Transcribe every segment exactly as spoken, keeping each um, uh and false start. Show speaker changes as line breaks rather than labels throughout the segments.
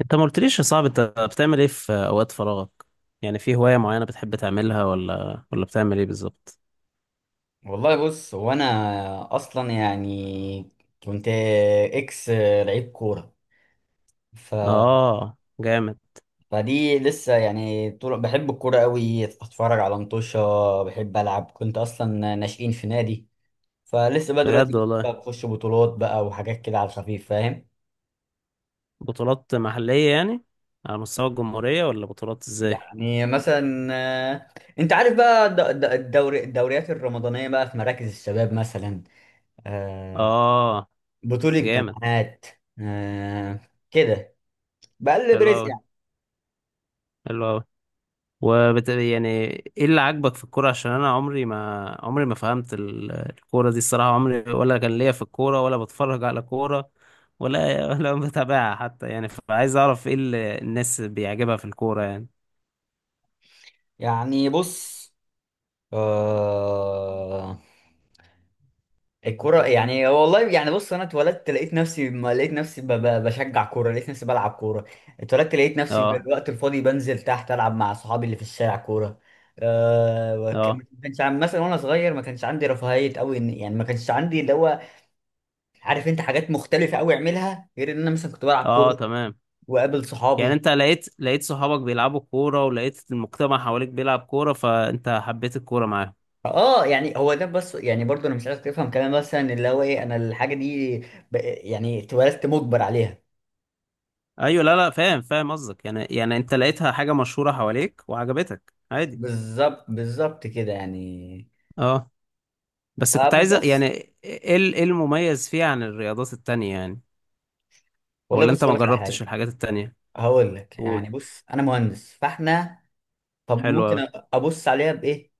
انت ما قلتليش يا صاحبي، انت بتعمل ايه في اوقات فراغك؟ يعني في هواية معينة بتحب تعملها، ولا ولا بتعمل ايه بالظبط؟
والله بص هو انا اصلا يعني كنت اكس لعيب كوره ف...
اه، جامد.
فدي لسه يعني طول بحب الكوره قوي اتفرج على مطوشه. بحب العب، كنت اصلا ناشئين في نادي. فلسه بقى دلوقتي
بجد
بس بقى
والله.
بخش بطولات بقى وحاجات كده على الخفيف، فاهم؟
بطولات محلية يعني، على مستوى الجمهورية ولا بطولات ازاي؟
يعني مثلا، آه، انت عارف بقى الد- الد- الدوري الدوريات الرمضانيه بقى في مراكز الشباب مثلا، آه،
اه،
بطوله
جامد.
جامعات، آه، كده. بقلب
حلو
رزق
اوي،
يعني.
حلو اوي. وبت... يعني ايه اللي عاجبك في الكوره؟ عشان انا عمري ما عمري ما فهمت ال- الكوره دي الصراحه، عمري ولا كان ليا في الكوره ولا بتفرج على كوره ولا ولا بتابعها حتى يعني، فعايز اعرف ايه اللي الناس بيعجبها في الكوره يعني.
يعني بص، آه الكرة يعني والله. يعني بص انا اتولدت لقيت نفسي، ما لقيت نفسي ب- ب- بشجع كورة، لقيت نفسي بلعب كورة. اتولدت لقيت نفسي في
اه
الوقت الفاضي بنزل تحت العب مع صحابي اللي في الشارع كورة. آه وك-
اه.
ما كانش عن- مثلا وانا صغير ما كانش عندي رفاهية قوي، يعني ما كانش عندي اللي هو، عارف انت، حاجات مختلفة قوي اعملها غير ان انا مثلا كنت بلعب
اه،
كورة
تمام.
واقابل
يعني
صحابي.
انت لقيت لقيت صحابك بيلعبوا كوره، ولقيت المجتمع حواليك بيلعب كوره، فانت حبيت الكوره معاهم.
اه يعني هو ده بس. يعني برضه انا مش عايزك تفهم كمان مثلا اللي هو ايه، انا الحاجه دي ب- يعني اتولدت مجبر عليها.
ايوه، لا، لا، فاهم فاهم قصدك، يعني يعني انت لقيتها حاجه مشهوره حواليك وعجبتك عادي.
بالظبط بالظبط كده يعني.
اه، بس كنت
طب
عايز يعني،
بس،
ايه ال- إيه المميز فيه عن الرياضات التانية يعني؟
والله
ولا
بص
انت
اقول
ما
لك على
جربتش
حاجه.
الحاجات التانية؟
هقول لك،
قول.
يعني بص انا مهندس فاحنا، طب
حلو اوي.
ممكن أ- ابص عليها بايه؟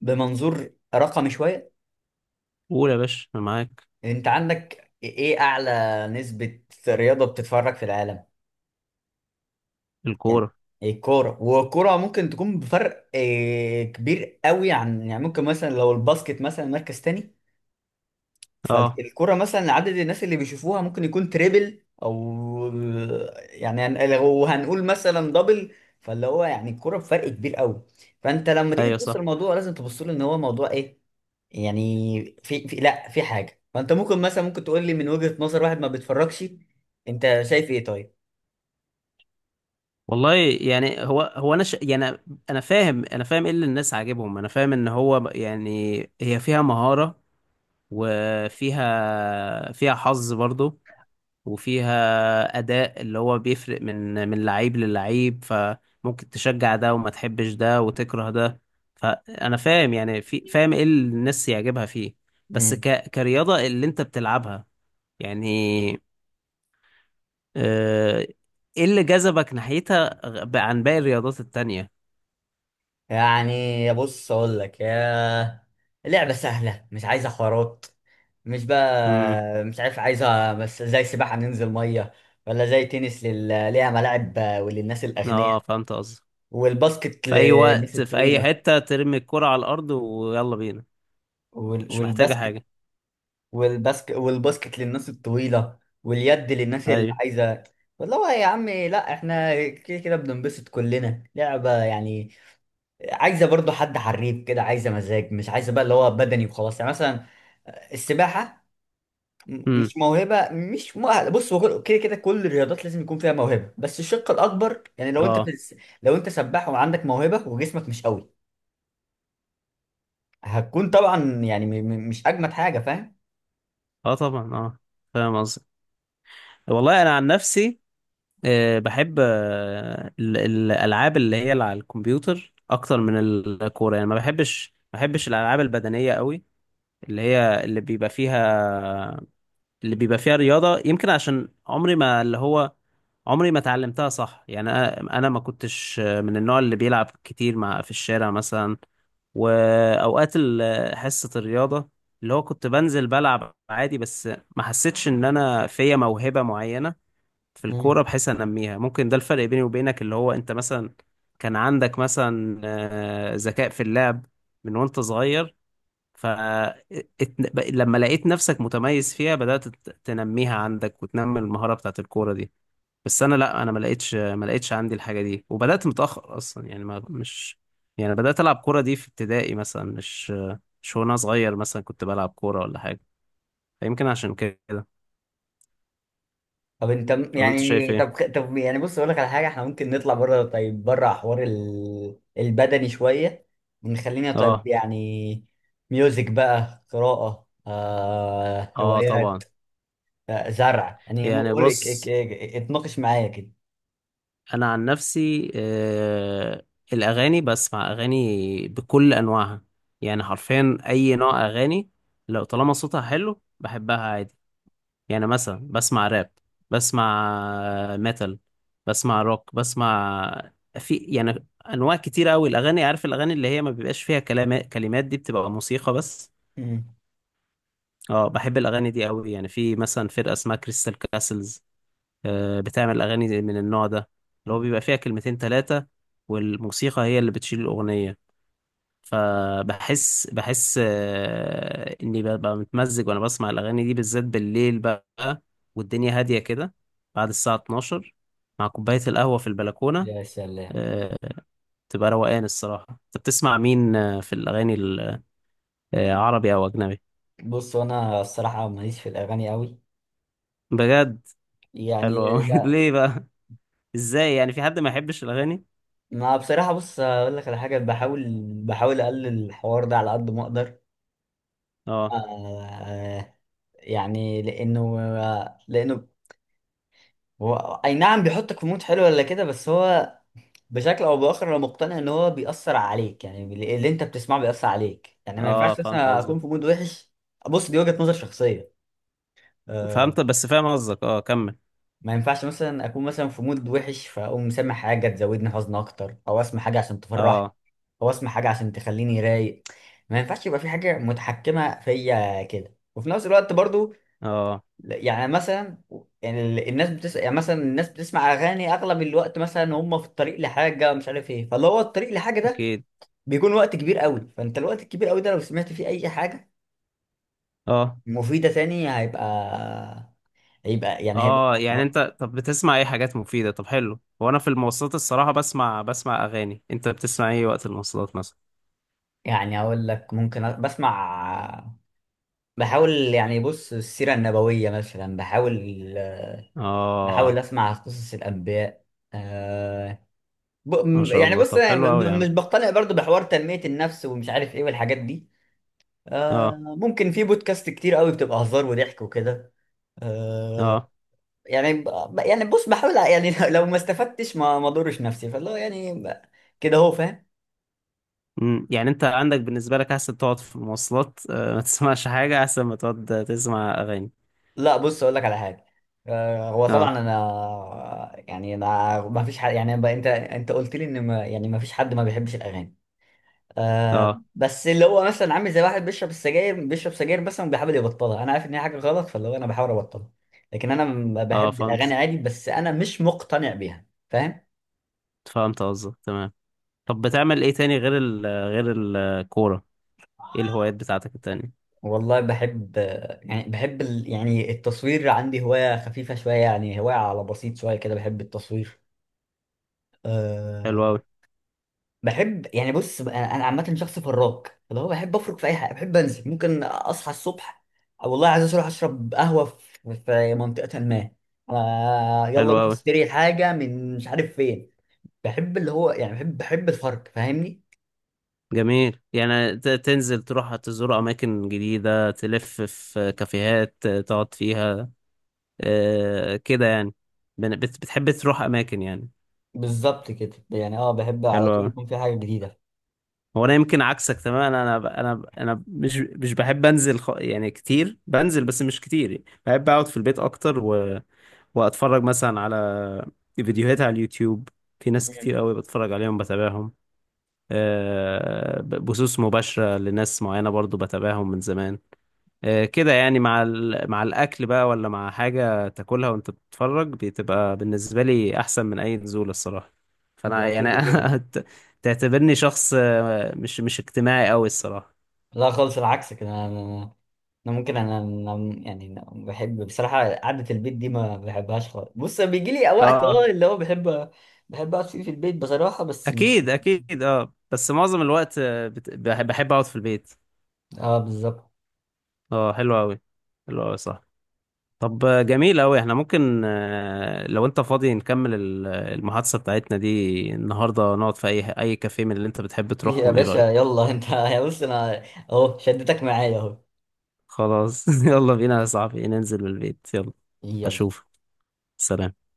بمنظور رقمي شويه.
قول يا باشا، انا معاك.
انت عندك ايه اعلى نسبه رياضه بتتفرج في العالم؟ يعني
الكورة.
الكورة. والكورة ممكن تكون بفرق آه، كبير قوي عن، يعني ممكن مثلا لو الباسكت مثلا مركز تاني،
اه،
فالكورة مثلا عدد الناس اللي بيشوفوها ممكن يكون تريبل أو، يعني هن- لو هنقول مثلا دبل. فاللي هو يعني الكورة بفرق كبير قوي. فأنت لما تيجي
ايوه،
تبص
صح.
للموضوع لازم تبص له إن هو موضوع إيه، يعني في, في لا في حاجة. فأنت ممكن مثلا، ممكن تقول لي من وجهة نظر واحد ما بيتفرجش، أنت شايف إيه طيب؟
والله، يعني هو هو انا ش... يعني، انا فاهم انا فاهم ايه اللي الناس عاجبهم، انا فاهم ان هو، يعني هي فيها مهارة، وفيها فيها حظ برضو، وفيها أداء اللي هو بيفرق من من لعيب للعيب، فممكن تشجع ده وما تحبش ده وتكره ده. فأنا فاهم يعني، في فاهم إيه اللي الناس يعجبها فيه. بس ك... كرياضة اللي أنت بتلعبها، يعني، آه، إيه اللي جذبك ناحيتها غ- عن باقي الرياضات التانية؟
يعني بص اقول لك يا، لعبه سهله مش عايزه حوارات، مش
امم.
بقى مش عارف، عايزه بس زي سباحه ننزل ميه، ولا زي تنس لل... ليها ملاعب وللناس
اه،
الاغنياء،
فهمت قصدي.
والباسكت
في أي
للناس
وقت، في أي
الطويله.
حتة، ترمي الكرة على الأرض ويلا بينا.
وال...
مش محتاجة
والباسكت
حاجة.
والباسكت والباسكت للناس الطويله، واليد للناس اللي
أيوه.
عايزه. والله يا عم لا احنا كده كده بننبسط كلنا، لعبه يعني، عايزه برضو حد حريف كده، عايزه مزاج، مش عايزه بقى اللي هو بدني وخلاص. يعني مثلا السباحه، م-
امم.
مش موهبه، مش مؤهله. بص هو كل- كده كده كل الرياضات لازم يكون فيها موهبه، بس الشق الاكبر. يعني لو انت في
اه،
الس- لو انت سباح وعندك موهبه وجسمك مش قوي، هتكون طبعا يعني م- م- مش اجمد حاجه، فاهم؟
اه، طبعا، اه. فاهم قصدي. والله انا عن نفسي، آه، بحب آه، ال- الالعاب اللي هي اللي على الكمبيوتر اكتر من الكوره، يعني ما بحبش ما بحبش الالعاب البدنيه قوي. اللي هي اللي بيبقى فيها اللي بيبقى فيها رياضه، يمكن عشان عمري ما اللي هو عمري ما اتعلمتها صح يعني، انا أنا ما كنتش آه، من النوع اللي بيلعب كتير مع في الشارع مثلا، واوقات ال- حصه الرياضه اللي هو كنت بنزل بلعب عادي بس، ما حسيتش ان انا فيا موهبه معينه في الكورة بحيث أنميها. ممكن ده الفرق بيني وبينك، اللي هو أنت مثلا كان عندك مثلا آه، ذكاء في اللعب من وأنت صغير، ف ات- ب- لما لقيت نفسك متميز فيها بدأت ت- تنميها عندك وتنمي المهارة بتاعت الكورة دي. بس أنا لأ، أنا ما لقيتش ما لقيتش عندي الحاجة دي، وبدأت متأخر أصلا يعني، ما مش، يعني بدأت ألعب كورة دي في ابتدائي مثلا، مش مش وأنا صغير مثلا كنت بلعب كورة ولا حاجة، فيمكن عشان كده.
طب انت م-
ولا أنت شايف
يعني
إيه؟
طب خ- طب يعني بص اقول لك على حاجه. احنا ممكن نطلع بره، طيب، بره حوار ال... البدني شويه، ونخلينا طيب
آه.
يعني ميوزك بقى، قراءه، آه...
آه،
روايات،
طبعا.
آه... زرع يعني. م-
يعني،
قول لك اك-
بص،
اك- اتناقش معايا كده.
انا عن نفسي، آه، الاغاني، بسمع اغاني بكل انواعها، يعني حرفيا اي نوع اغاني، لو طالما صوتها حلو بحبها عادي. يعني مثلا بسمع راب، بسمع آه، ميتال، بسمع روك، بسمع، في يعني انواع كتير قوي الاغاني، عارف، الاغاني اللي هي ما بيبقاش فيها كلام كلمات دي بتبقى موسيقى بس.
مم.
اه، بحب الاغاني دي قوي، يعني في مثلا فرقة اسمها كريستال كاسلز، آه، بتعمل أغاني من النوع ده، اللي هو بيبقى فيها كلمتين تلاتة، والموسيقى هي اللي بتشيل الأغنية. فبحس بحس آه، إني ببقى متمزج وأنا بسمع الأغاني دي، بالذات بالليل بقى والدنيا هادية كده، بعد الساعة الثانية عشر، مع كوباية القهوة في البلكونة،
يا سلام.
آه، تبقى روقان الصراحة. أنت بتسمع مين آه، في الأغاني ال- آه، عربي أو أجنبي؟
بص انا الصراحه ماليش في الاغاني قوي.
بجد؟ حلو أوي
يعني لا.
ليه بقى؟ إزاي يعني في حد ما يحبش الأغاني؟
ما بصراحه بص اقول لك على حاجه، بحاول، بحاول اقلل الحوار ده على قد ما اقدر.
اه.
آه يعني لانه لانه هو اي نعم بيحطك في مود حلو ولا كده، بس هو بشكل او باخر انا مقتنع ان هو بيأثر عليك يعني. اللي انت بتسمعه بيأثر عليك، يعني ما
اه،
ينفعش
فهمت
مثلا
قصدك.
اكون في مود وحش. بص دي وجهة نظر شخصية. أه.
فهمت، بس فاهم قصدك، اه، كمل.
ما ينفعش مثلا اكون مثلا في مود وحش فاقوم مسمع حاجة تزودني حزن اكتر، او اسمع حاجة عشان تفرحني،
اه.
او اسمع حاجة عشان تخليني رايق. ما ينفعش يبقى في حاجة متحكمة فيا كده. وفي نفس الوقت برضو
اه،
يعني مثلا، يعني ال- الناس بتسمع، يعني مثلا الناس بتسمع اغاني اغلب الوقت مثلا هم في الطريق لحاجه مش عارف ايه. فاللي هو الطريق لحاجه ده
اكيد.
بيكون وقت كبير قوي، فانت الوقت الكبير قوي ده لو سمعت فيه اي حاجه
اه.
مفيده تاني، هيبقى، هيبقى يعني
اه،
هيبقى
يعني انت طب بتسمع ايه؟ حاجات مفيدة؟ طب حلو، هو انا في المواصلات الصراحة بسمع بسمع اغاني، انت بتسمع ايه وقت المواصلات مثلا؟
يعني اقول لك، ممكن أ- بسمع، بحاول يعني بص السيره النبويه مثلا، بحاول بحاول
اه.
اسمع قصص الانبياء، آه، ب...
ما شاء
يعني
الله،
بص
طب حلو
أنا
قوي يا
م- مش
عم.
بقتنع برضو بحوار تنميه النفس ومش عارف ايه والحاجات دي.
اه.
آه ممكن في بودكاست كتير قوي بتبقى هزار وضحك وكده. آه
اه.
يعني ب- يعني بص بحاول ع- يعني لو ما استفدتش ما ما ضرش نفسي. فاللي هو يعني ب- كده هو، فاهم؟
أمم، يعني انت عندك بالنسبة لك احسن تقعد في المواصلات آه ما تسمعش حاجة، احسن ما تقعد تسمع اغاني؟
لا بص اقول لك على حاجه. آه هو
اه.
طبعا انا يعني، انا ما فيش حد يعني ب- انت انت قلت لي ان، ما يعني ما فيش حد ما بيحبش الاغاني. آه
اه.
بس اللي هو مثلا عامل زي واحد بيشرب السجاير، بيشرب سجاير بس بيحاول يبطلها. انا عارف ان هي حاجه غلط، فاللي هو انا بحاول ابطلها. لكن انا م-
اه،
بحب الاغاني
فهمت.
عادي، بس انا مش مقتنع بيها، فاهم؟
فهمت قصدك، تمام. طب بتعمل ايه تاني غير ال غير الكورة؟ ايه الهوايات بتاعتك التانية؟
والله بحب، يعني بحب ال... يعني التصوير. عندي هواية خفيفة شوية، يعني هواية على بسيط شوية كده، بحب التصوير. أه...
حلو أوي.
بحب يعني بص أنا، أنا عامة شخص فراك، اللي هو بحب أفرك في أي حاجة. بحب أنزل، ممكن أصحى الصبح أو والله عايز أروح أشرب قهوة في في منطقة ما، أه... يلا
حلو
نروح
أوي.
نشتري حاجة من مش عارف فين. بحب اللي هو يعني، بحب بحب الفرق، فاهمني؟
جميل، يعني ت- تنزل تروح تزور أماكن جديدة، تلف في كافيهات تقعد فيها، آه، كده يعني، بن- بت- بتحب تروح أماكن يعني؟
بالظبط كده يعني. اه بحب على
حلو
طول
أوي.
يكون في حاجة جديدة.
هو أنا يمكن عكسك تماما، أنا ب- أنا ب- أنا مش مش بحب أنزل، خ- يعني كتير بنزل، بس مش كتير، بحب أقعد في البيت أكتر و... وأتفرج مثلا على فيديوهات على اليوتيوب، في ناس كتير
مم.
أوي بتفرج عليهم بتابعهم، آه، ب- بثوث مباشرة لناس معينة برضو بتابعهم من زمان، آه، كده يعني، مع ال... مع الأكل بقى، ولا مع حاجة تاكلها وأنت بتتفرج، بتبقى بالنسبة لي أحسن من أي نزول الصراحة. فأنا
ده
يعني
كده كده.
أنا ت- تعتبرني شخص آه، مش مش اجتماعي أوي الصراحة.
لا خالص، العكس كده. انا انا أنا ممكن انا أنا يعني أنا بحب بصراحه، قعده البيت دي ما بحبهاش خالص. بص بيجي لي وقت اه
اه،
اللي هو بحب، بحب اقعد فيه في البيت بصراحه، بس مش.
أكيد، أكيد، اه، بس معظم الوقت، آه، بت... بح- بحب أقعد في البيت.
اه بالظبط.
اه، حلو أوي. حلو أوي، صح. طب آه، جميل أوي، احنا ممكن آه، لو أنت فاضي نكمل ال- المحادثة بتاعتنا دي النهاردة، نقعد في أي أي كافيه من اللي أنت بتحب
يا
تروحهم، إيه
باشا
رأيك؟
يلا انت يا بص انا، اهو شدتك معايا اهو.
خلاص يلا بينا يا صاحبي، ننزل من البيت، يلا.
يلا.
اشوف. سلام.